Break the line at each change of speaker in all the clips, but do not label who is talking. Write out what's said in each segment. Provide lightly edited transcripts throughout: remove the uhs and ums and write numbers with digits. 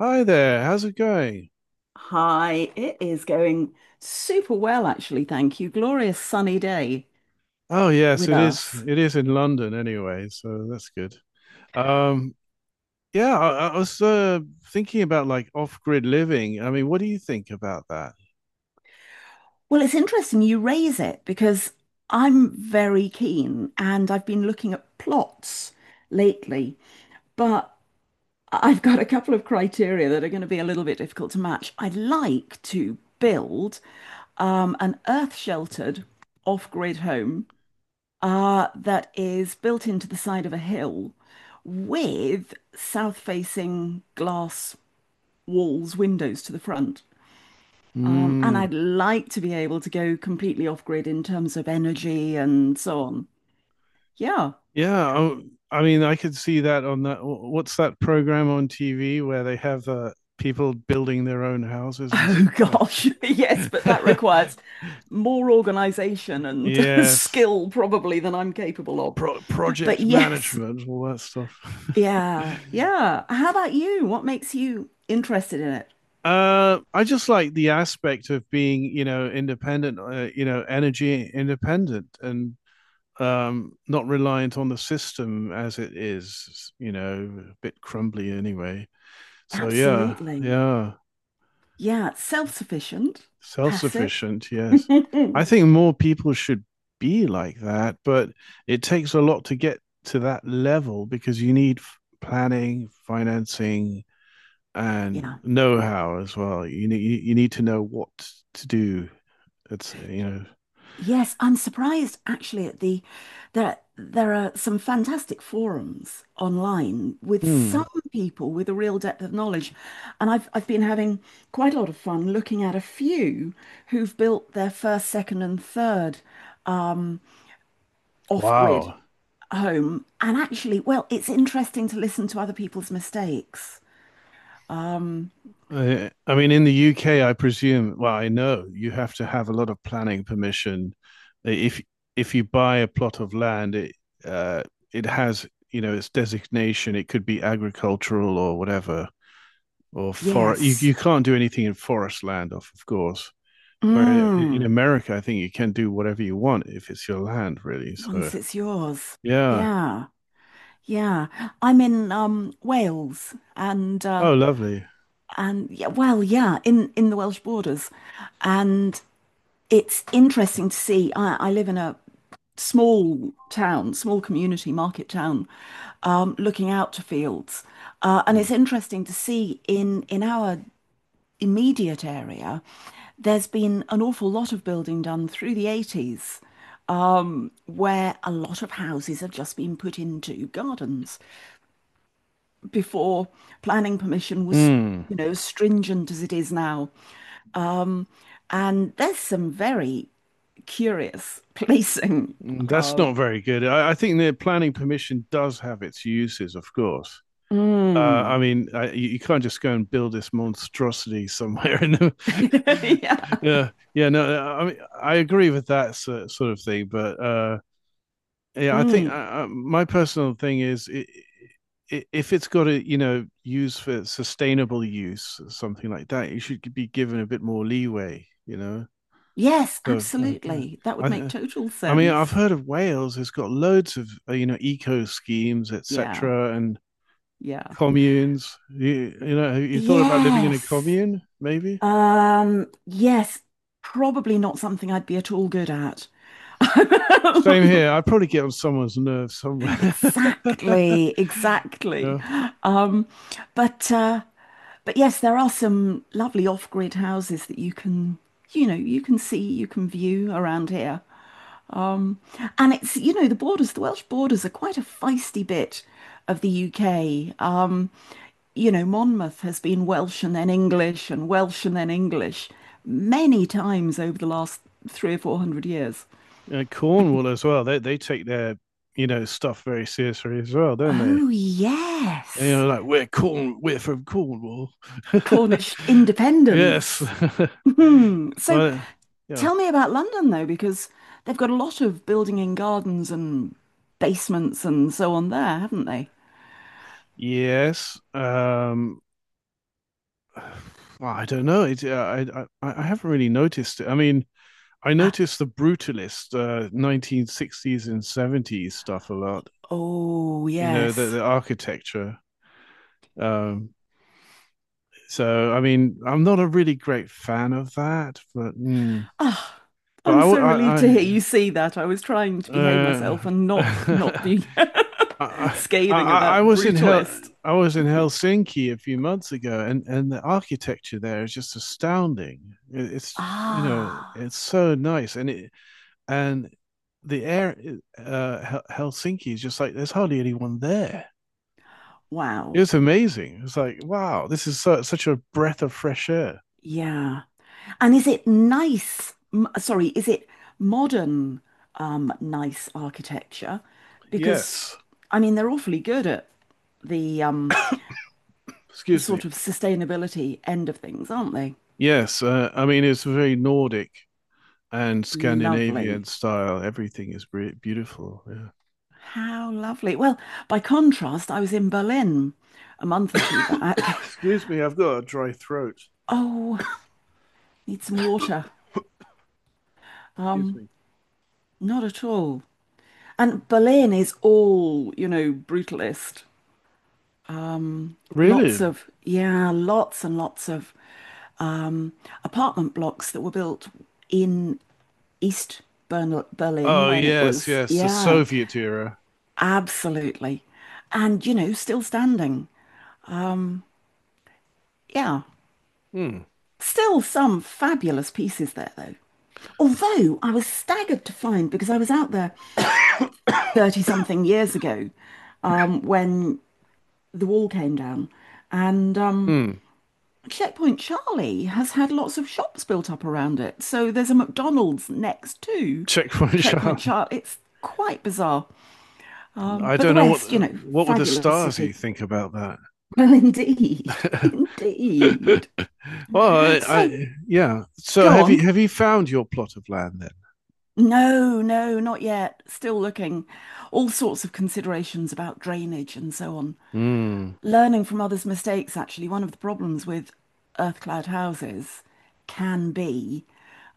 Hi there, how's it going?
Hi, it is going super well, actually. Thank you. Glorious sunny day
Oh yes,
with
it is.
us.
It is in London anyway, so that's good. Um, yeah, I was thinking about like off-grid living. I mean, what do you think about that?
Well, it's interesting you raise it because I'm very keen and I've been looking at plots lately, but I've got a couple of criteria that are going to be a little bit difficult to match. I'd like to build an earth-sheltered off-grid home that is built into the side of a hill with south-facing glass walls, windows to the front. And
Mm,
I'd like to be able to go completely off-grid in terms of energy and so on. Yeah.
yeah, I mean, I could see that on that. What's that program on TV where they have people building their own houses and
Oh gosh, yes, but that
stuff?
requires more organization and
Yes,
skill probably than I'm capable of. But
Project
yes,
management, all that stuff.
yeah, yeah. How about you? What makes you interested in it?
I just like the aspect of being, you know, independent, you know, energy independent and not reliant on the system as it is, you know, a bit crumbly anyway. So, yeah,
Absolutely.
yeah,
Yeah, self-sufficient,
self
passive.
sufficient, yes. I think more people should be like that, but it takes a lot to get to that level because you need planning, financing,
Yeah.
and know how as well. You need to know what to do. It's, you know.
Yes, I'm surprised actually at the there there are some fantastic forums online with
Hmm.
some people with a real depth of knowledge. And I've been having quite a lot of fun looking at a few who've built their first, second, and third um, off-grid
Wow.
home. And actually, well, it's interesting to listen to other people's mistakes. Um,
I mean, in the UK, I presume. Well, I know you have to have a lot of planning permission. If if you buy a plot of land, uh, it has, you know, its designation. It could be agricultural or whatever, or forest.
yes.
You can't do anything in forest land, of course. Where in
Mm.
America, I think you can do whatever you want if it's your land, really. So
Once it's yours.
yeah.
Yeah. Yeah. I'm in Wales and uh
Oh, lovely.
and yeah, well, yeah, in the Welsh borders. And it's interesting to see. I live in a small town, small community market town, looking out to fields. And it's interesting to see in our immediate area, there's been an awful lot of building done through the '80s, where a lot of houses have just been put into gardens before planning permission was,
Mm.
you know, stringent as it is now. Um, and there's some very curious placing.
Mm, that's not very good. I think the planning permission does have its uses, of course. Uh, I
Mm.
mean, you can't just go and build this monstrosity somewhere. In the...
Yeah.
yeah, yeah, no, I mean, I agree with that sort of thing, but yeah, I think
Mm.
my personal thing is, I if it's got a, you know, use for sustainable use, something like that, you should be given a bit more leeway, you know.
Yes,
So uh, uh,
absolutely. That
I,
would make
uh,
total
I mean, I've
sense.
heard of Wales has got loads of you know, eco schemes,
Yeah.
etc., and
Yeah.
communes. You know, have you thought about living in a
Yes.
commune? Maybe.
Yes, probably not something I'd be at all good at.
Same here. I'd probably get on someone's nerves somewhere.
Exactly, exactly.
Yeah.
Um, but uh, but yes, there are some lovely off-grid houses that you can, you can see, you can view around here. Um, and it's, the Welsh borders are quite a feisty bit of the UK. Monmouth has been Welsh and then English and Welsh and then English many times over the last three or four hundred years.
And Cornwall as well. They take their, you know, stuff very seriously as well, don't they?
Oh,
You
yes.
know, like we're from Cornwall.
Cornish
Yes.
independence. So
Well, yeah.
tell me about London, though, because they've got a lot of building in gardens and basements and so on there, haven't they?
Yes. Well, I don't know. I haven't really noticed it. I mean, I
Ah,
noticed the brutalist 1960s and 70s stuff a lot.
oh,
You know,
yes.
the architecture. Um, so I mean, I'm not a really great fan of that, but mm,
Ah,
but
I'm so relieved to hear you see that. I was trying to behave
I
myself and
uh,
not be
I, I
scathing
I
about
was in Hel
Brutalist.
I was in Helsinki a few months ago, and the architecture there is just astounding. It's, you know,
Ah,
it's so nice, and the air uh, Helsinki is just like there's hardly anyone there. It
wow.
was amazing. It's like wow, this is such a breath of fresh air.
Yeah. And is it nice? M Sorry, is it modern, nice architecture? Because
Yes,
I mean, they're awfully good at the
excuse me.
sort of sustainability end of things, aren't they?
Yes, I mean it's very Nordic and Scandinavian
Lovely.
style. Everything is beautiful. Yeah.
How lovely. Well, by contrast, I was in Berlin a month or two back.
excuse me, I've got a dry throat.
Oh, need some water.
Excuse me.
Not at all. And Berlin is all brutalist. Lots
Really?
of, yeah, lots and lots of um, apartment blocks that were built in East Bern Berlin
Oh
when it
yes,
was,
yes, the
yeah,
Soviet era.
absolutely. And still standing. Yeah.
Hmm.
Still some fabulous pieces there, though. Although I was staggered to find, because I was out there 30 something years ago when the wall came down, and
Hmm.
Checkpoint Charlie has had lots of shops built up around it. So there's a McDonald's next to
Checkpoint
Checkpoint
Charlie.
Charlie. It's quite bizarre. Um,
I
but
don't
the
know
rest,
what would the
fabulous city.
Stasi think about that.
Well, indeed,
well,
indeed. So
yeah. So
go on.
have you found your plot of land then?
No, no, not yet. Still looking. All sorts of considerations about drainage and so on.
Mm.
Learning from others' mistakes, actually, one of the problems with earth cloud houses can be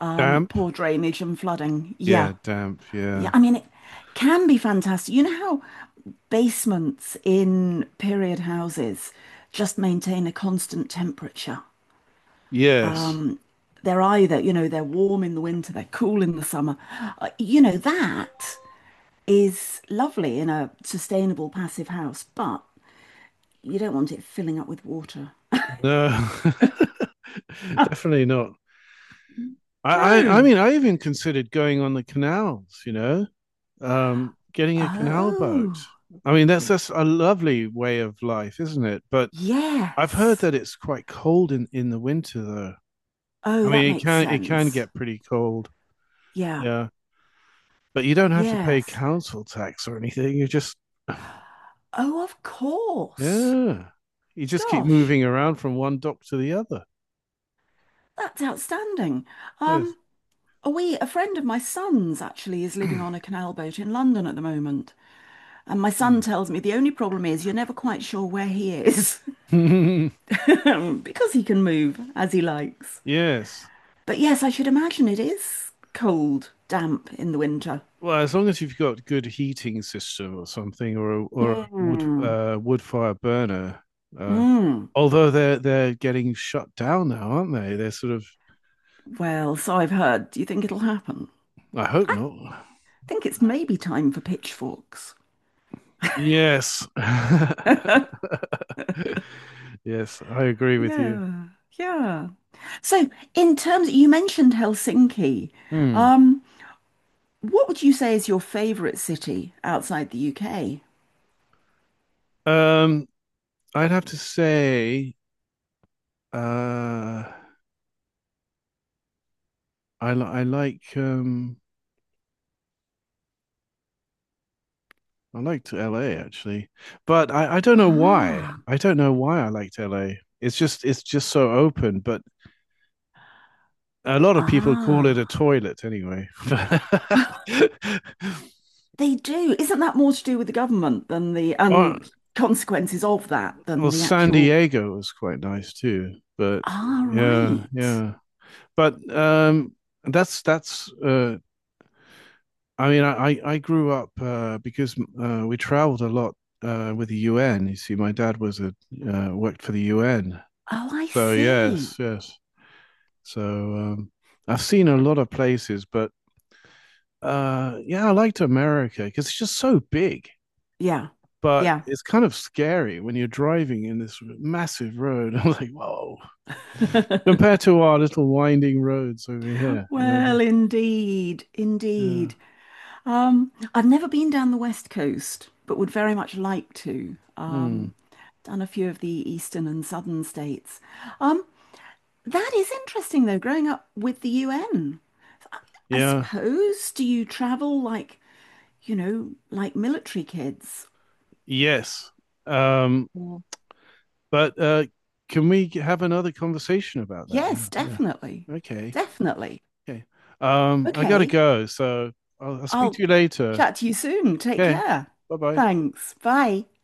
Damp?
poor drainage and flooding. Yeah.
Yeah, damp.
Yeah.
Yeah.
I mean, it can be fantastic. You know how basements in period houses just maintain a constant temperature?
Yes.
They're either, they're warm in the winter, they're cool in the summer. That is lovely in a sustainable passive house, but you don't want it filling up with water.
No. Definitely not. I
No.
mean I even considered going on the canals. You know, getting a canal boat.
Oh,
I mean that's a lovely way of life, isn't it? But I've heard
yes.
that it's quite cold in the winter though.
Oh,
I
that
mean
makes
it can
sense.
get pretty cold.
Yeah,
Yeah. But you don't have to pay
yes.
council tax or anything. You just,
Oh, of course.
yeah, you just keep
Gosh,
moving around from one dock to the other.
that's outstanding.
Yes.
Um, a friend of my son's actually is living on a canal boat in London at the moment. And my son tells me the only problem is you're never quite sure where he is because he can move as he likes.
yes.
But yes, I should imagine it is cold, damp in the winter.
Well, as long as you've got good heating system or something, or a wood
Mm,
wood fire burner. Um,
mm.
although they're getting shut down now, aren't they? They're sort of.
Well, so I've heard. Do you think it'll happen?
I hope not.
I think it's maybe time for pitchforks.
Yes, yes, I agree with you.
Yeah, yeah. So, you mentioned Helsinki.
Hmm.
Um, what would you say is your favorite city outside the UK?
Um, I'd have to say Uh, I like I liked LA actually, but I don't know why.
Ah,
I don't know why I liked LA. It's just so open, but a lot of people call it a
ah,
toilet anyway.
they do. Isn't that more to do with the government than the and
Or,
consequences of that than
or
the
San
actual?
Diego was quite nice too, but
Ah,
yeah,
right.
yeah. But that's I mean, I grew up because we traveled a lot with the UN. You see, my dad was a worked for the UN,
Oh, I
so yes,
see.
yes. So I've seen a lot of places, but yeah, I liked America because it's just so big.
Yeah,
But
yeah.
it's kind of scary when you're driving in this massive road. I'm like, whoa, compared to our little winding roads over here. You know, like,
Well, indeed,
yeah.
indeed. I've never been down the West Coast, but would very much like to.
Mm.
Done a few of the eastern and southern states. Um, that is interesting, though, growing up with the UN. I
Yeah,
suppose, do you travel like military kids?
yes. Um,
Or-
but can we have another conversation about that?
Yes,
Yeah,
definitely.
yeah. Okay,
Definitely.
okay. I gotta
Okay,
go, so I'll speak
I'll
to you later.
chat to you soon. Take
Okay,
care.
bye bye.
Thanks. Bye.